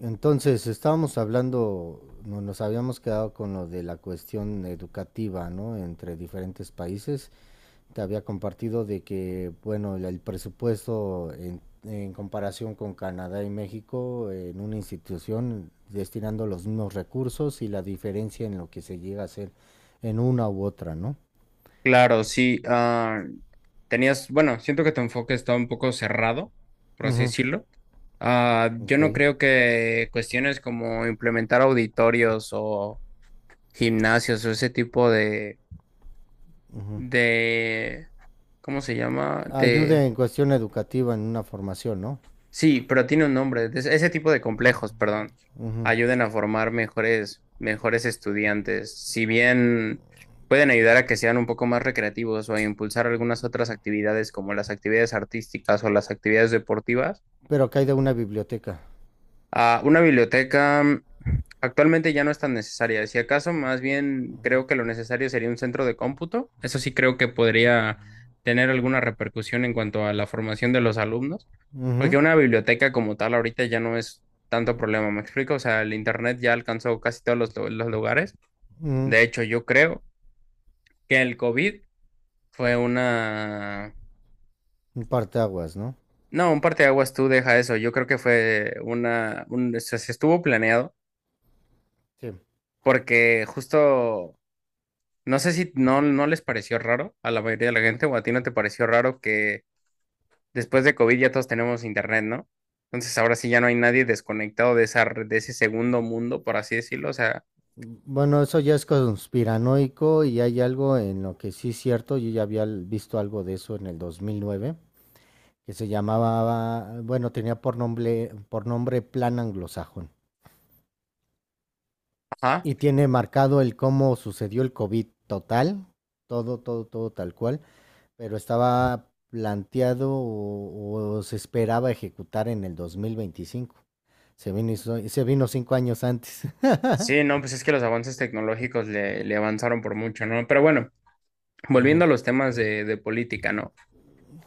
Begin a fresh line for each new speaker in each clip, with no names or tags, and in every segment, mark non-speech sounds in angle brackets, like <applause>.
Entonces, estábamos hablando, nos habíamos quedado con lo de la cuestión educativa, ¿no? Entre diferentes países. Te había compartido de que, bueno, el presupuesto en comparación con Canadá y México en una institución destinando los mismos recursos y la diferencia en lo que se llega a hacer en una u otra, ¿no?
Claro, sí. Tenías, bueno, siento que tu enfoque está un poco cerrado, por así
Ujú,
decirlo. Yo no
ok.
creo que cuestiones como implementar auditorios o gimnasios o ese tipo de, de, ¿cómo se llama? De
Ayuda en cuestión educativa en una formación, ¿no?
Sí, pero tiene un nombre. Ese tipo de complejos, perdón,
Ujú.
ayuden a formar mejores, mejores estudiantes. Si bien pueden ayudar a que sean un poco más recreativos o a impulsar algunas otras actividades como las actividades artísticas o las actividades deportivas.
Pero cae de una biblioteca.
Una biblioteca actualmente ya no es tan necesaria. Si acaso, más bien creo que lo necesario sería un centro de cómputo. Eso sí creo que podría tener alguna repercusión en cuanto a la formación de los alumnos,
Ujú,
porque una biblioteca como tal ahorita ya no es tanto problema. ¿Me explico? O sea, el internet ya alcanzó casi todos los lugares.
ujú.
De hecho, yo creo que el COVID fue una.
Un parteaguas, ¿no?
No, un parteaguas tú deja eso. Yo creo que fue una, un, o sea, se estuvo planeado
Sí.
porque justo no sé si no, no les pareció raro a la mayoría de la gente o a ti no te pareció raro que después de COVID ya todos tenemos internet, ¿no? Entonces ahora sí ya no hay nadie desconectado de de ese segundo mundo, por así decirlo. O sea,
Bueno, eso ya es conspiranoico y hay algo en lo que sí es cierto. Yo ya había visto algo de eso en el 2009, que se llamaba, bueno, tenía por nombre Plan Anglosajón.
ajá.
Y tiene marcado el cómo sucedió el COVID total, todo, todo, todo tal cual, pero estaba planteado o se esperaba ejecutar en el 2025. Se vino, y se vino 5 años antes. <laughs>
Sí, no, pues es que los avances tecnológicos le avanzaron por mucho, ¿no? Pero bueno,
Ujú,
volviendo a los temas de política, ¿no?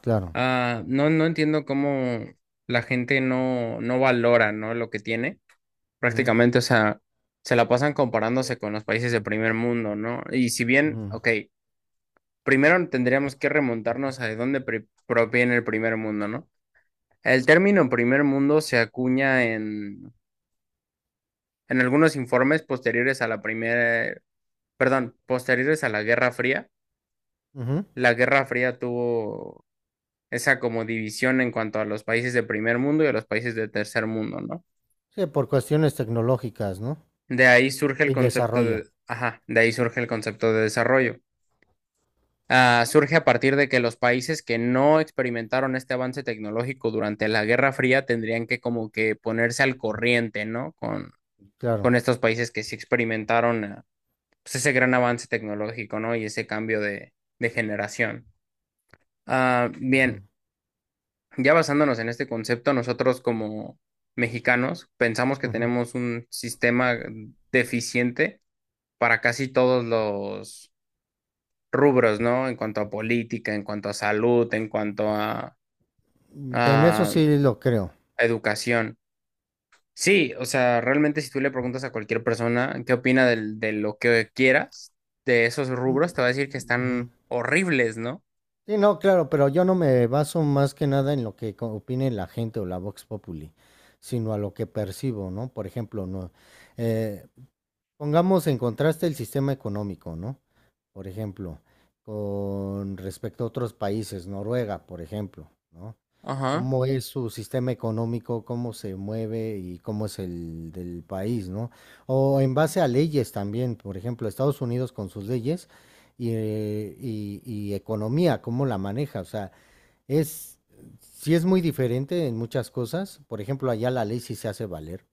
claro.
No, no entiendo cómo la gente no, no valora, ¿no? Lo que tiene.
Ujú,
Prácticamente, o sea, se la pasan comparándose con los países de primer mundo, ¿no? Y si bien,
ujú.
ok. Primero tendríamos que remontarnos a de dónde proviene el primer mundo, ¿no? El término primer mundo se acuña en algunos informes posteriores a la primera, perdón, posteriores a la Guerra Fría.
Ujú.
La Guerra Fría tuvo esa como división en cuanto a los países de primer mundo y a los países de tercer mundo, ¿no?
Sí, por cuestiones tecnológicas, ¿no?
De ahí surge el
Y
concepto
desarrollo,
de, ajá, de ahí surge el concepto de desarrollo. Surge a partir de que los países que no experimentaron este avance tecnológico durante la Guerra Fría tendrían que como que ponerse al corriente, ¿no? Con,
claro.
con estos países que sí experimentaron, pues ese gran avance tecnológico, ¿no? Y ese cambio de generación. Bien,
Ujú,
ya basándonos en este concepto, nosotros como mexicanos pensamos que
ujú.
tenemos un sistema deficiente para casi todos los rubros, ¿no? En cuanto a política, en cuanto a salud, en cuanto a
Mm, en eso
a
sí lo creo.
educación. Sí, o sea, realmente si tú le preguntas a cualquier persona qué opina de lo que quieras, de esos
Mm,
rubros, te va a decir que
mm, ujú.
están horribles, ¿no?
Sí, no, claro, pero yo no me baso más que nada en lo que opine la gente o la Vox Populi, sino a lo que percibo, ¿no? Por ejemplo, no, eh, pongamos en contraste el sistema económico, ¿no? Por ejemplo, con respecto a otros países, Noruega, por ejemplo, ¿no?
Ajá,
¿Cómo es su sistema económico, cómo se mueve y cómo es el del país, ¿no? O en base a leyes también, por ejemplo, Estados Unidos con sus leyes y, y economía, cómo la maneja, o sea, es, sí es muy diferente en muchas cosas, por ejemplo, allá la ley sí se hace valer.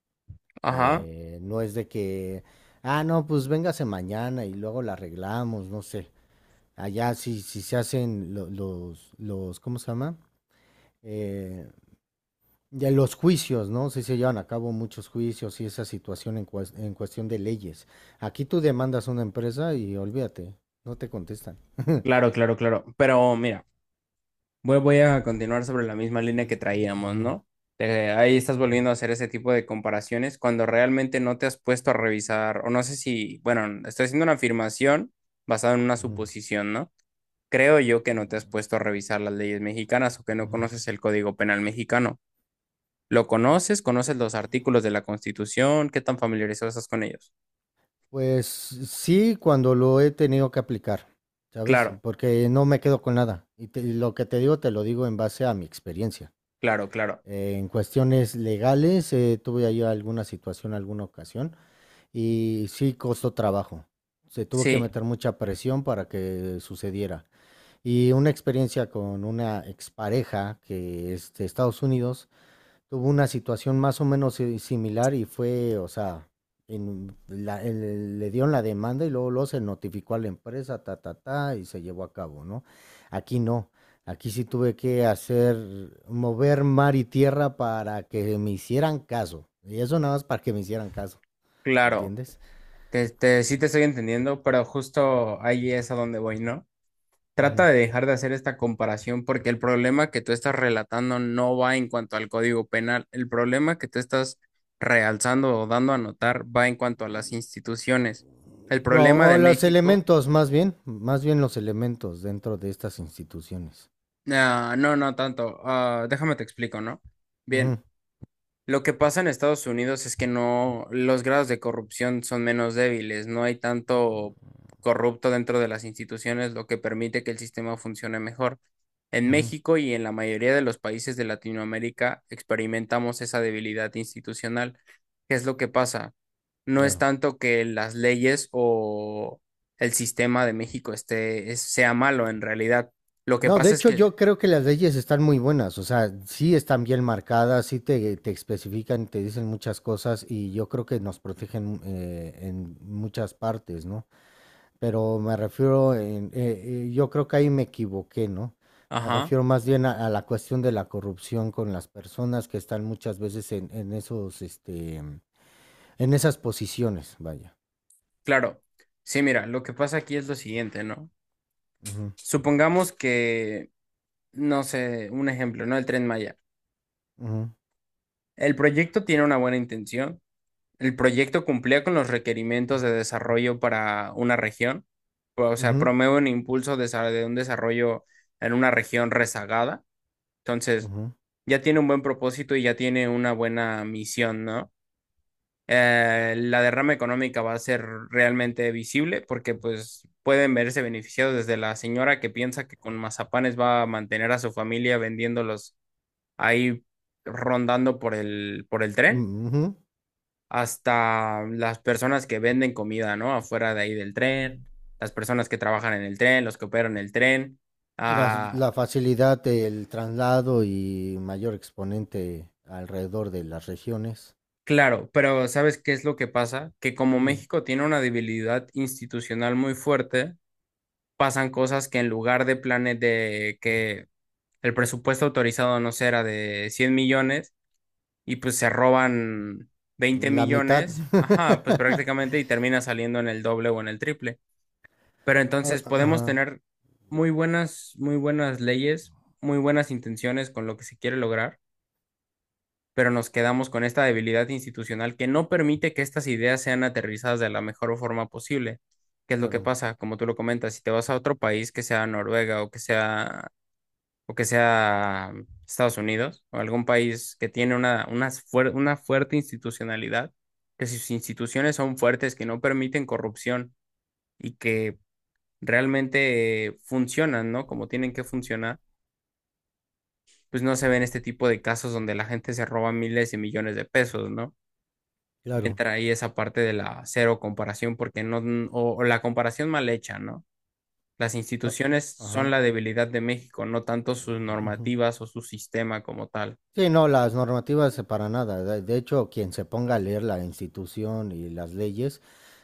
ajá.
No es de que, ah, no, pues véngase mañana y luego la arreglamos, no sé. Allá sí, sí se hacen los, ¿cómo se llama? Eh, de los juicios, ¿no? Sí se llevan a cabo muchos juicios y esa situación en, en cuestión de leyes. Aquí tú demandas a una empresa y olvídate, no te contestan. <laughs>
Claro, claro, claro. Pero mira, voy a continuar sobre la misma línea que traíamos,
Ujú,
¿no? Ahí estás volviendo a hacer ese tipo de comparaciones cuando realmente no te has puesto a revisar, o no sé si, bueno, estoy haciendo una afirmación basada en una
ujú,
suposición, ¿no? Creo yo que no te has puesto a revisar las leyes mexicanas o que no
ujú.
conoces el Código Penal mexicano. ¿Lo conoces? ¿Conoces los artículos de la Constitución? ¿Qué tan familiarizado estás con ellos?
Pues sí, cuando lo he tenido que aplicar, ¿sabes?
Claro,
Porque no me quedo con nada. Y, y lo que te digo, te lo digo en base a mi experiencia.
claro, claro.
En cuestiones legales, tuve ahí alguna situación, alguna ocasión, y sí costó trabajo. Se tuvo que
Sí,
meter mucha presión para que sucediera. Y una experiencia con una expareja que es de Estados Unidos tuvo una situación más o menos similar y fue, o sea, en le dieron la demanda y luego, luego se notificó a la empresa, ta, ta, ta, y se llevó a cabo, ¿no? Aquí no. Aquí sí tuve que hacer, mover mar y tierra para que me hicieran caso. Y eso nada más para que me hicieran caso,
claro.
¿entiendes?
Sí te estoy entendiendo, pero justo ahí es a donde voy, ¿no? Trata
Ujú.
de dejar de hacer esta comparación porque el problema que tú estás relatando no va en cuanto al Código Penal. El problema que tú estás realzando o dando a notar va en cuanto a las instituciones. El problema
O
de
los
México.
elementos, más bien los elementos dentro de estas instituciones.
No, no tanto. Déjame te explico, ¿no? Bien,
Ujú,
lo que pasa en Estados Unidos es que no, los grados de corrupción son menos débiles, no hay tanto corrupto dentro de las instituciones, lo que permite que el sistema funcione mejor. En
ujú,
México y en la mayoría de los países de Latinoamérica experimentamos esa debilidad institucional. ¿Qué es lo que pasa? No es
claro.
tanto que las leyes o el sistema de México esté, sea malo en realidad. Lo que
No, de
pasa es
hecho
que...
yo creo que las leyes están muy buenas, o sea, sí están bien marcadas, sí te especifican, te dicen muchas cosas y yo creo que nos protegen en muchas partes, ¿no? Pero me refiero, yo creo que ahí me equivoqué, ¿no? Me
Ajá,
refiero más bien a la cuestión de la corrupción con las personas que están muchas veces en esos, este, en esas posiciones, vaya.
claro. Sí, mira, lo que pasa aquí es lo siguiente, ¿no?
Ujú,
Supongamos que, no sé, un ejemplo, ¿no? El Tren Maya.
ujú,
El proyecto tiene una buena intención. El proyecto cumplía con los requerimientos de desarrollo para una región. O sea,
ujú,
promueve un impulso de de un desarrollo en una región rezagada. Entonces,
ujú,
ya tiene un buen propósito y ya tiene una buena misión, ¿no? La derrama económica va a ser realmente visible porque pues pueden verse beneficiados desde la señora que piensa que con mazapanes va a mantener a su familia vendiéndolos ahí rondando por el, tren,
mm, ujú.
hasta las personas que venden comida, ¿no? Afuera de ahí del tren, las personas que trabajan en el tren, los que operan el tren.
Las
Ah,
la facilidad del traslado y mayor exponente alrededor de las regiones.
claro, pero ¿sabes qué es lo que pasa? Que como
Mm,
México tiene una debilidad institucional muy fuerte, pasan cosas que en lugar de planes de que el presupuesto autorizado, no sé, era de 100 millones y pues se roban 20
la mitad.
millones, ajá, pues
<laughs>
prácticamente y termina saliendo en el doble o en el triple. Pero
Ah,
entonces podemos
ajá,
tener muy buenas leyes, muy buenas intenciones con lo que se quiere lograr, pero nos quedamos con esta debilidad institucional que no permite que estas ideas sean aterrizadas de la mejor forma posible. ¿Qué es lo que
claro,
pasa? Como tú lo comentas, si te vas a otro país, que sea Noruega o que sea Estados Unidos o algún país que tiene una fuerte institucionalidad, que sus instituciones son fuertes, que no permiten corrupción y que realmente funcionan, ¿no? Como tienen que funcionar, pues no se ven este tipo de casos donde la gente se roba miles y millones de pesos, ¿no? Y
claro.
entra ahí esa parte de la cero comparación, porque no, o la comparación mal hecha, ¿no? Las
Ah, ah,
instituciones son
ajá.
la debilidad de México, no tanto sus
Ujú.
normativas o su sistema como tal.
Sí, no, las normativas para nada. De hecho, quien se ponga a leer la institución y las leyes,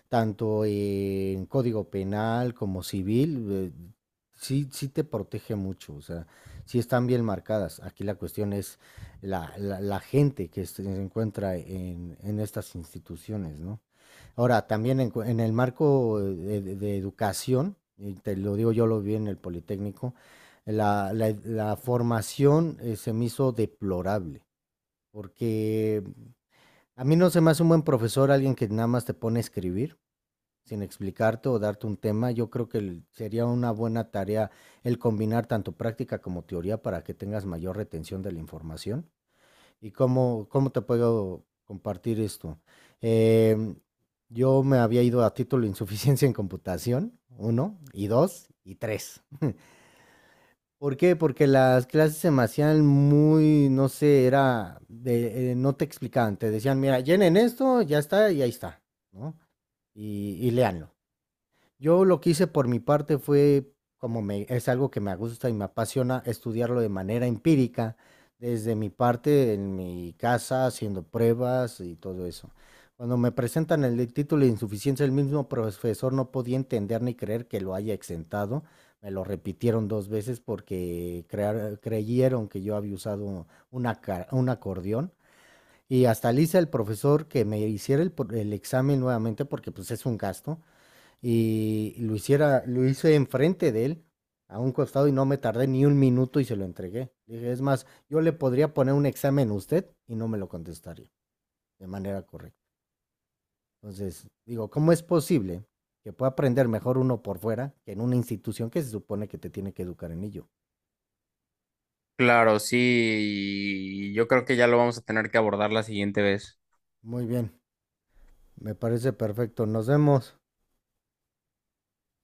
tanto en código penal como civil, sí, sí te protege mucho, o sea, sí están bien marcadas. Aquí la cuestión es la, la, la gente que se encuentra en estas instituciones, ¿no? Ahora, también en, en el marco de, de educación, y te lo digo, yo lo vi en el Politécnico, la, la formación se me hizo deplorable, porque a mí no se me hace un buen profesor alguien que nada más te pone a escribir sin explicarte o darte un tema, yo creo que sería una buena tarea el combinar tanto práctica como teoría para que tengas mayor retención de la información. ¿Y cómo, cómo te puedo compartir esto? Em, yo me había ido a título de insuficiencia en computación, uno, y dos, y tres. ¿Por qué? Porque las clases se me hacían muy, no sé, era, de, no te explicaban, te decían, mira, llenen esto, ya está, y ahí está, ¿no? Y léanlo. Yo lo que hice por mi parte fue, como me, es algo que me gusta y me apasiona, estudiarlo de manera empírica, desde mi parte, en mi casa, haciendo pruebas y todo eso. Cuando me presentan el título de insuficiencia, el mismo profesor no podía entender ni creer que lo haya exentado. Me lo repitieron 2 veces porque creyeron que yo había usado una, un acordeón. Y hasta le hice al profesor que me hiciera el, el examen nuevamente porque pues es un gasto y lo hiciera, lo hice enfrente de él, a un costado y no me tardé ni 1 minuto y se lo entregué. Dije, es más, yo le podría poner un examen a usted y no me lo contestaría de manera correcta. Entonces, digo, ¿cómo es posible que pueda aprender mejor uno por fuera que en una institución que se supone que te tiene que educar en ello?
Claro, sí, y yo creo que ya lo vamos a tener que abordar la siguiente vez.
Muy bien, me parece perfecto. Nos vemos.